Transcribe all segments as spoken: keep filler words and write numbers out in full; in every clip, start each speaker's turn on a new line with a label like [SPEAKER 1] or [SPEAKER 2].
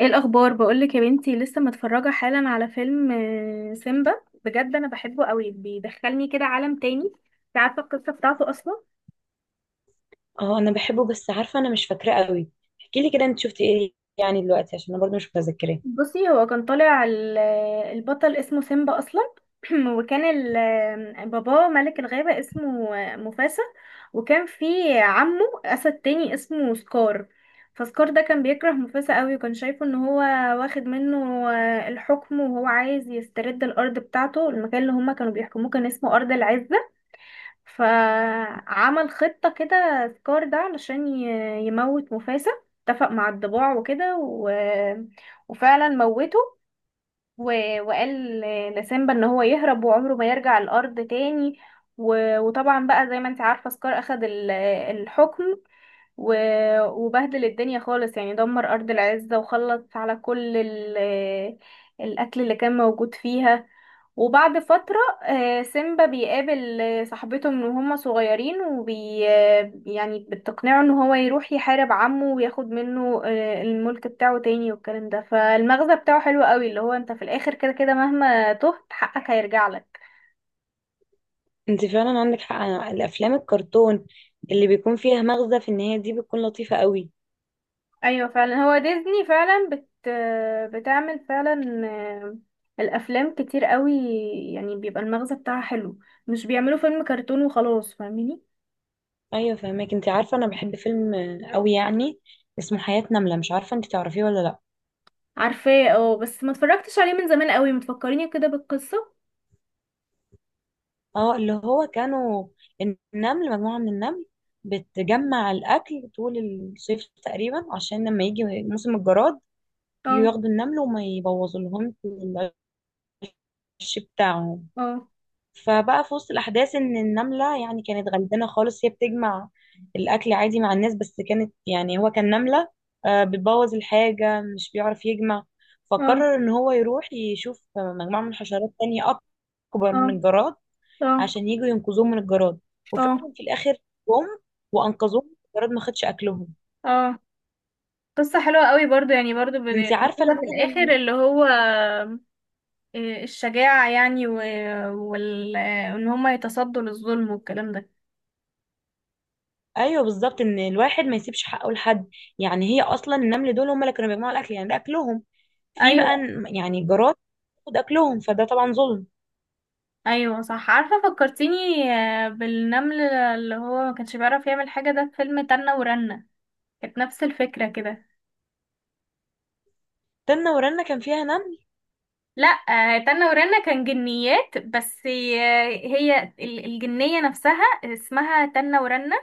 [SPEAKER 1] ايه الاخبار بقولك يا بنتي؟ لسه متفرجه حالا على فيلم آه، سيمبا. بجد انا بحبه قوي، بيدخلني كده عالم تاني. انت عارفه القصه بتاعته اصلا؟
[SPEAKER 2] اه، انا بحبه بس عارفه انا مش فاكراه قوي. احكي لي كده، انت شفتي ايه يعني دلوقتي؟ عشان انا برضو مش متذكراه.
[SPEAKER 1] بصي، هو كان طالع ال- البطل اسمه سيمبا اصلا. وكان ال- باباه ملك الغابة اسمه مفاسا، وكان في عمه اسد تاني اسمه سكار. فسكار ده كان بيكره مفاسا قوي، وكان شايفه ان هو واخد منه الحكم، وهو عايز يسترد الارض بتاعته. المكان اللي هما كانوا بيحكموه كان اسمه ارض العزة. فعمل خطة كده سكار ده علشان ي- يموت مفاسة. اتفق مع الضباع وكده و... وفعلا موته، و... وقال لسيمبا ان هو يهرب وعمره ما يرجع الارض تاني. و... وطبعا بقى زي ما انت عارفة سكار اخد ال- الحكم، و... وبهدل الدنيا خالص، يعني دمر ارض العزة وخلص على كل ال... القتل اللي كان موجود فيها. وبعد فترة آه، سيمبا بيقابل آه، صاحبته من وهما صغيرين، وبي آه، يعني بتقنعه ان هو يروح يحارب عمه وياخد منه آه، الملك بتاعه تاني والكلام ده. فالمغزى بتاعه حلو قوي، اللي هو انت في الاخر كده كده مهما تهت حقك هيرجع لك.
[SPEAKER 2] انت فعلا عندك حق، أنا الافلام الكرتون اللي بيكون فيها مغزى في النهايه دي بتكون لطيفه قوي.
[SPEAKER 1] ايوه فعلا، هو ديزني فعلا بت آه، بتعمل فعلا آه، الافلام كتير قوي، يعني بيبقى المغزى بتاعها حلو. مش بيعملوا فيلم كرتون وخلاص، فاهميني؟
[SPEAKER 2] ايوه فهماك، انت عارفه انا بحب فيلم آه، قوي يعني، اسمه حياه نمله. مش عارفه انت تعرفيه ولا لا؟
[SPEAKER 1] عارفاه، اه، بس ما اتفرجتش عليه من زمان قوي. متفكريني كده بالقصة.
[SPEAKER 2] اه، اللي هو كانوا النمل، مجموعه من النمل بتجمع الاكل طول الصيف تقريبا، عشان لما يجي موسم الجراد
[SPEAKER 1] اه.
[SPEAKER 2] ياخدوا النمل وما يبوظوا لهم العش بتاعهم.
[SPEAKER 1] اه.
[SPEAKER 2] فبقى في وسط الأحداث إن النملة يعني كانت غلبانة خالص، هي بتجمع الأكل عادي مع الناس، بس كانت يعني هو كان نملة آه، بتبوظ الحاجة، مش بيعرف يجمع.
[SPEAKER 1] اه.
[SPEAKER 2] فقرر إن هو يروح يشوف مجموعة من حشرات تانية أكبر
[SPEAKER 1] اه.
[SPEAKER 2] من الجراد
[SPEAKER 1] اه.
[SPEAKER 2] عشان يجوا ينقذوهم من الجراد.
[SPEAKER 1] اه.
[SPEAKER 2] وفعلا في الآخر جم وأنقذوهم، الجراد ما خدش أكلهم.
[SPEAKER 1] اه. قصة حلوة قوي برضو، يعني برضو
[SPEAKER 2] انت عارفة
[SPEAKER 1] بنقولها في
[SPEAKER 2] المغزى؟
[SPEAKER 1] الآخر، اللي هو آه، الشجاعة يعني و... وال... آه، وإن هما يتصدوا للظلم والكلام ده.
[SPEAKER 2] ايوه بالظبط، ان الواحد ما يسيبش حقه لحد. يعني هي اصلا النمل دول هم اللي كانوا بيجمعوا الاكل، يعني ده اكلهم. في بقى
[SPEAKER 1] أيوة.
[SPEAKER 2] ن- يعني جارات تاخد اكلهم، فده طبعا ظلم.
[SPEAKER 1] أيوة صح، عارفة فكرتيني آه، بالنمل اللي هو ما كانش بيعرف يعمل حاجة، ده في فيلم تنة ورنة. كانت نفس الفكرة كده.
[SPEAKER 2] تنة ورنة كان فيها نمل؟
[SPEAKER 1] لا، آه، تنة ورنة كان جنيات بس. آه، هي ال- الجنية نفسها اسمها تنة ورنة.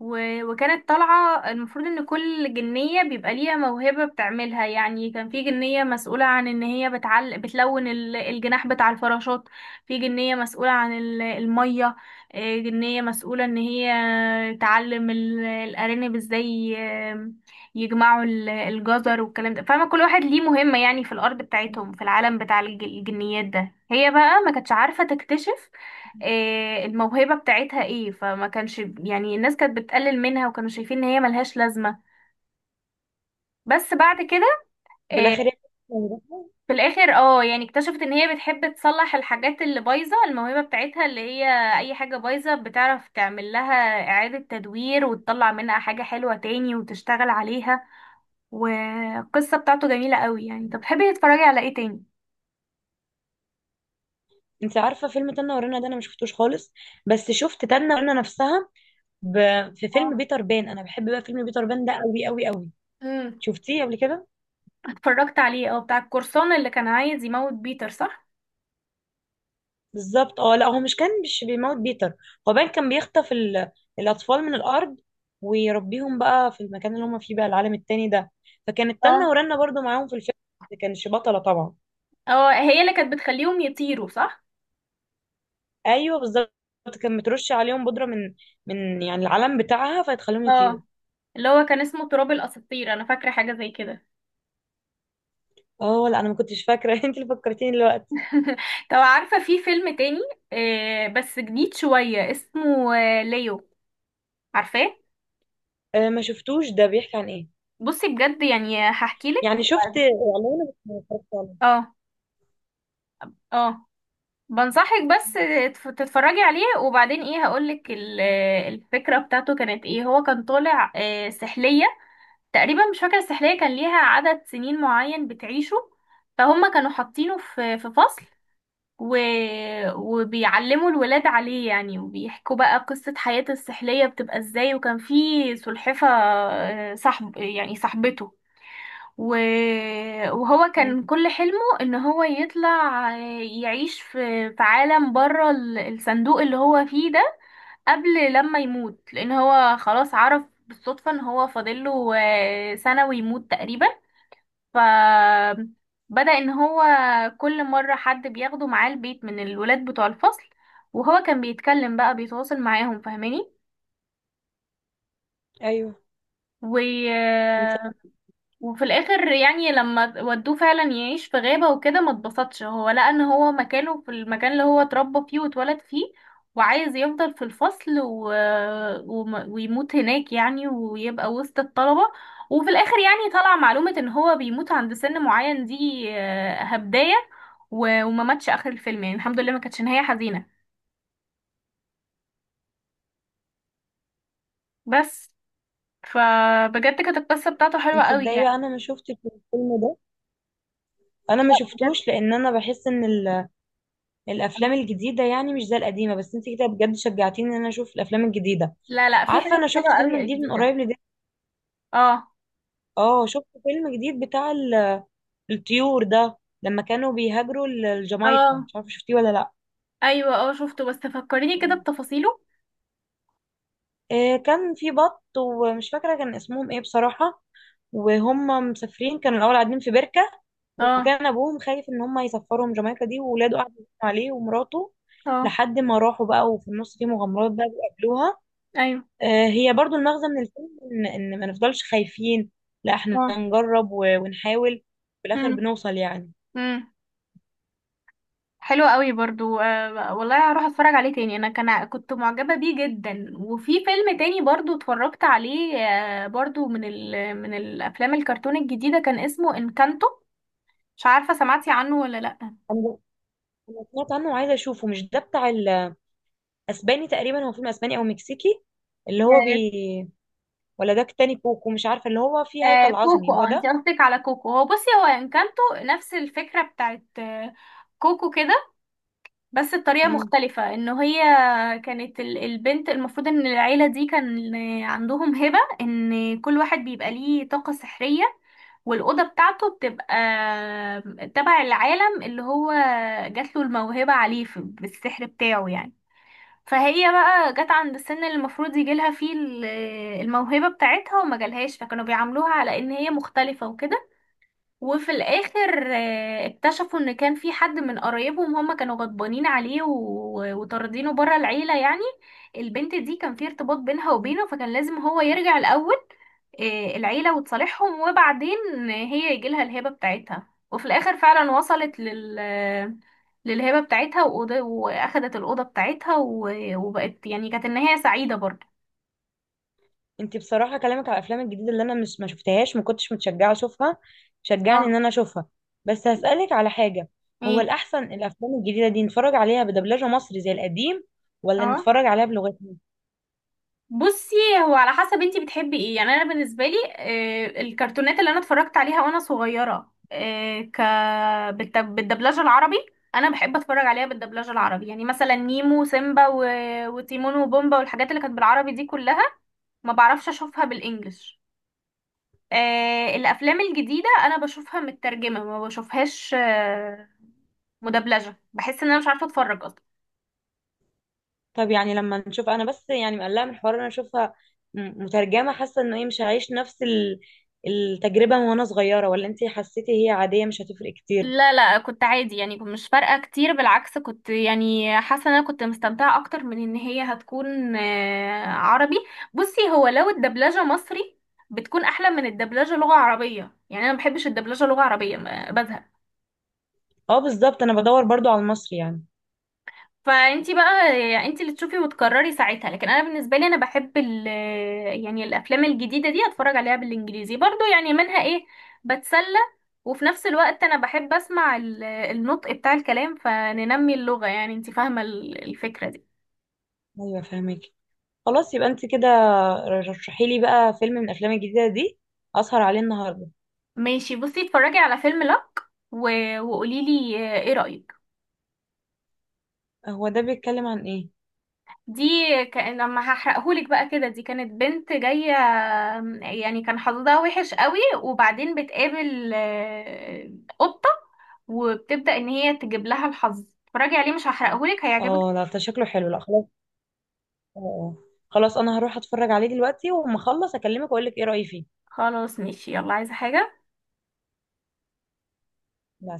[SPEAKER 1] و... وكانت طالعة، المفروض ان كل جنية بيبقى ليها موهبة بتعملها. يعني كان في جنية مسؤولة عن ان هي بتعل... بتلون ال- الجناح بتاع الفراشات، في جنية مسؤولة عن ال- المية، آه، جنية مسؤولة ان هي تعلم ال- الارانب ازاي آه، يجمعوا ال- الجزر والكلام ده، فاهمة؟ كل واحد ليه مهمة يعني في الارض بتاعتهم في العالم بتاع الج- الجنيات ده. هي بقى ما كانتش عارفة تكتشف إيه الموهبة بتاعتها ايه، فما كانش يعني الناس كانت بتقلل منها وكانوا شايفين ان هي ملهاش لازمة. بس بعد كده.
[SPEAKER 2] وفي
[SPEAKER 1] إيه؟
[SPEAKER 2] الاخر هي موجودة.
[SPEAKER 1] في الاخر اه، يعني اكتشفت ان هي بتحب تصلح الحاجات اللي بايظة. الموهبة بتاعتها اللي هي اي حاجة بايظة بتعرف تعمل لها اعادة تدوير وتطلع منها حاجة حلوة تاني وتشتغل عليها. والقصة بتاعته جميلة قوي يعني. انت بتحبي تتفرجي على ايه تاني؟
[SPEAKER 2] انت عارفه فيلم تنة ورنة ده انا ما شفتوش خالص، بس شفت تنة ورنة نفسها ب... في فيلم
[SPEAKER 1] اه.
[SPEAKER 2] بيتر بان. انا بحب بقى فيلم بيتر بان ده قوي قوي قوي.
[SPEAKER 1] امم.
[SPEAKER 2] شفتيه قبل كده؟
[SPEAKER 1] اتفرجت عليه، اه، بتاع القرصان اللي كان عايز يموت بيتر، صح؟
[SPEAKER 2] بالظبط. اه لا، هو مش كان مش بيموت بيتر، هو بان كان بيخطف ال... الاطفال من الارض، ويربيهم بقى في المكان اللي هم فيه، بقى العالم التاني ده. فكانت تنة ورنة برضو معاهم في الفيلم، ما كانش بطلة طبعا.
[SPEAKER 1] اه، هي اللي كانت بتخليهم يطيروا، صح؟
[SPEAKER 2] ايوه بالظبط، كان مترشي عليهم بودره من من يعني العلم بتاعها، فهتخليهم يطيروا.
[SPEAKER 1] اه، اللي هو كان اسمه تراب الاساطير، انا فاكره حاجه زي كده.
[SPEAKER 2] اه لا، انا ما كنتش فاكره انت اللي فكرتيني دلوقتي.
[SPEAKER 1] طب عارفه في فيلم تاني، آه، بس جديد شويه، اسمه آه، ليو. عارفاه؟
[SPEAKER 2] آه، ما شفتوش. ده بيحكي عن ايه
[SPEAKER 1] بصي بجد، يعني هحكي لك.
[SPEAKER 2] يعني؟ شفت اعلانه بس ما اتفرجتش عليه.
[SPEAKER 1] اه. اه. بنصحك بس تف- تتفرجي عليه، وبعدين ايه هقولك ال- الفكرة بتاعته كانت ايه. هو كان طالع آه، سحلية تقريبا. مش فاكرة، السحلية كان ليها عدد سنين معين بتعيشه. فهم كانوا حاطينه في في فصل و... وبيعلموا الولاد عليه يعني، وبيحكوا بقى قصة حياة السحلية بتبقى ازاي. وكان في سلحفة آه، صاحب يعني صاحبته. و... وهو
[SPEAKER 2] م.
[SPEAKER 1] كان كل حلمه ان هو يطلع آه، يعيش في في عالم بره ال- الصندوق اللي هو فيه ده قبل لما يموت، لان هو خلاص عرف بالصدفة ان هو فاضله آه، سنة ويموت تقريبا. فبدأ ان هو كل مرة حد بياخده معاه البيت من الولاد بتوع الفصل، وهو كان بيتكلم بقى، بيتواصل معاهم، فاهماني؟
[SPEAKER 2] ايوه.
[SPEAKER 1] و
[SPEAKER 2] انت
[SPEAKER 1] وفي الاخر يعني لما ودوه فعلا يعيش في غابة وكده ما اتبسطش. هو لقى ان هو مكانه في المكان اللي هو اتربى فيه واتولد فيه، وعايز يفضل في الفصل و... وم- ويموت هناك يعني، ويبقى وسط الطلبة. وفي الاخر يعني طلع معلومة ان هو بيموت عند سن معين، دي آه، هبداية و... وما ماتش اخر الفيلم يعني. الحمد لله ما كانتش نهاية حزينة بس. فبجد كانت القصة بتاعته حلوة
[SPEAKER 2] انت
[SPEAKER 1] قوي
[SPEAKER 2] تصدقي بقى،
[SPEAKER 1] يعني.
[SPEAKER 2] انا ما شفتش الفيلم ده، انا ما
[SPEAKER 1] لا بجد.
[SPEAKER 2] شفتوش، لان انا بحس ان ال... الافلام الجديده يعني مش زي القديمه. بس انت كده بجد شجعتيني ان انا اشوف الافلام الجديده.
[SPEAKER 1] لا لا، في
[SPEAKER 2] عارفه
[SPEAKER 1] حاجات
[SPEAKER 2] انا شفت
[SPEAKER 1] حلوة
[SPEAKER 2] فيلم
[SPEAKER 1] قوي
[SPEAKER 2] جديد من
[SPEAKER 1] جديدة.
[SPEAKER 2] قريب لده؟
[SPEAKER 1] اه.
[SPEAKER 2] اه، شفت فيلم جديد بتاع الطيور ده، لما كانوا بيهاجروا ل- لجامايكا.
[SPEAKER 1] اه.
[SPEAKER 2] مش عارفه شفتيه ولا لا؟
[SPEAKER 1] ايوه، اه شفته بس فكريني كده بتفاصيله.
[SPEAKER 2] آه، كان في بط، ومش فاكره كان اسمهم ايه بصراحه. وهم مسافرين كانوا الاول قاعدين في بركه،
[SPEAKER 1] اه.
[SPEAKER 2] وكان ابوهم خايف ان هم يسفرهم جامايكا دي، وولاده قعدوا يزنوا عليه ومراته
[SPEAKER 1] اه.
[SPEAKER 2] لحد ما راحوا بقى. وفي النص في مغامرات بقى بيقابلوها.
[SPEAKER 1] ايوه.
[SPEAKER 2] آه، هي برضو المغزى من الفيلم ان ان ما نفضلش خايفين، لا احنا
[SPEAKER 1] اه.
[SPEAKER 2] نجرب و- ونحاول، في
[SPEAKER 1] امم.
[SPEAKER 2] الاخر بنوصل يعني.
[SPEAKER 1] امم. حلو قوي برضو، آه والله هروح اتفرج عليه تاني. انا كان ع- كنت معجبة بيه جدا. وفي فيلم تاني برضو اتفرجت عليه، آه، برضو من ال من الافلام الكرتون الجديدة، كان اسمه انكانتو. مش عارفة سمعتي عنه ولا لا؟
[SPEAKER 2] انا أنا سمعت عنه وعايزه اشوفه. مش ده بتاع اسباني تقريبا؟ هو فيلم اسباني او مكسيكي، اللي هو
[SPEAKER 1] آه.
[SPEAKER 2] بي. ولا ده تاني كوكو؟ مش عارفه اللي هو فيه
[SPEAKER 1] آه
[SPEAKER 2] هيكل
[SPEAKER 1] كوكو،
[SPEAKER 2] عظمي هو
[SPEAKER 1] اه انت
[SPEAKER 2] ده.
[SPEAKER 1] قصدك على كوكو. هو، بصي، هو انكانتو نفس الفكرة بتاعت آه، كوكو كده، بس الطريقة
[SPEAKER 2] امم.
[SPEAKER 1] مختلفة. انه هي كانت ال- البنت، المفروض ان العيلة دي كان عندهم هبة ان كل واحد بيبقى ليه طاقة سحرية، والأوضة بتاعته بتبقى تبع العالم اللي هو جات له الموهبة عليه، في- بالسحر بتاعه يعني. فهي بقى جت عند السن اللي المفروض يجيلها فيه ال- الموهبة بتاعتها وما جالهاش، فكانوا بيعاملوها على ان هي مختلفة وكده. وفي الاخر آه، اكتشفوا ان كان في حد من قرايبهم هم كانوا غضبانين عليه و- وطاردينه بره العيله يعني. البنت دي كان في ارتباط بينها وبينه، فكان لازم هو يرجع الاول آه، العيله وتصالحهم، وبعدين هي يجيلها الهبه بتاعتها. وفي الاخر فعلا وصلت لل للهبه بتاعتها وأوض- واخدت الاوضه بتاعتها و- وبقت. يعني كانت النهايه سعيده برضه.
[SPEAKER 2] انت بصراحه كلامك على الافلام الجديده اللي انا مش ما شفتهاش، ما كنتش متشجعه اشوفها،
[SPEAKER 1] اه.
[SPEAKER 2] شجعني ان انا اشوفها. بس هسالك على حاجه. هو
[SPEAKER 1] ايه؟
[SPEAKER 2] الاحسن الافلام الجديده دي نتفرج عليها بدبلجه مصري زي القديم، ولا
[SPEAKER 1] اه.
[SPEAKER 2] نتفرج عليها بلغتنا؟
[SPEAKER 1] بصي، هو على حسب انتي بتحبي ايه. يعني انا بالنسبه لي آه، الكرتونات اللي انا اتفرجت عليها وانا صغيره، آه، ك بالت- بالدبلجه العربي. انا بحب اتفرج عليها بالدبلجه العربي. يعني مثلا نيمو وسيمبا و- وتيمون وبومبا والحاجات اللي كانت بالعربي دي كلها، ما بعرفش اشوفها بالانجلش. آه، الافلام الجديده انا بشوفها مترجمه، ما بشوفهاش آه، مدبلجه. بحس ان انا مش عارفه اتفرج اصلا.
[SPEAKER 2] طب يعني لما نشوف، انا بس يعني مقلقه من الحوار إن انا اشوفها م- مترجمه، حاسه انه ايه مش هعيش نفس ال- التجربه من وانا صغيره؟ ولا انت حسيتي هي عاديه مش هتفرق كتير؟
[SPEAKER 1] لا لا، كنت عادي يعني، كنت مش فارقة كتير. بالعكس كنت يعني حاسة ان انا كنت مستمتعة اكتر من ان هي هتكون آه، عربي. بصي هو لو الدبلجة مصري بتكون احلى من الدبلجة لغة عربية. يعني انا ما بحبش الدبلجة لغة عربية، ما- بزهق.
[SPEAKER 2] اه بالظبط، انا بدور برضو على المصري يعني.
[SPEAKER 1] فانتي بقى يعني انتي اللي تشوفي وتقرري ساعتها. لكن انا بالنسبه لي انا بحب ال يعني الافلام الجديده دي اتفرج عليها بالانجليزي برضو. يعني منها ايه، بتسلى، وفي نفس الوقت انا بحب اسمع ال- النطق بتاع الكلام، فننمي اللغه. يعني انتي فاهمه ال- الفكره دي؟
[SPEAKER 2] ايوه فاهمك. خلاص يبقى انت كده رشحي لي بقى فيلم من الافلام الجديده دي اسهر عليه النهارده.
[SPEAKER 1] ماشي. بصي اتفرجي على فيلم لك وقولي لي ايه رايك.
[SPEAKER 2] هو ده بيتكلم عن ايه؟
[SPEAKER 1] دي كان لما هحرقهولك بقى كده، دي كانت بنت جاية يعني، كان حظها وحش قوي، وبعدين بتقابل آه، قطة وبتبدأ ان هي تجيب لها الحظ. اتفرجي عليه، مش هحرقهولك، هيعجبك.
[SPEAKER 2] اه لا، ده شكله حلو. لا خلاص. اه. آه. خلاص، انا هروح اتفرج عليه دلوقتي وأما اخلص اكلمك واقول لك ايه رايي فيه.
[SPEAKER 1] خلاص ماشي، يلا. عايزة حاجة؟
[SPEAKER 2] لا.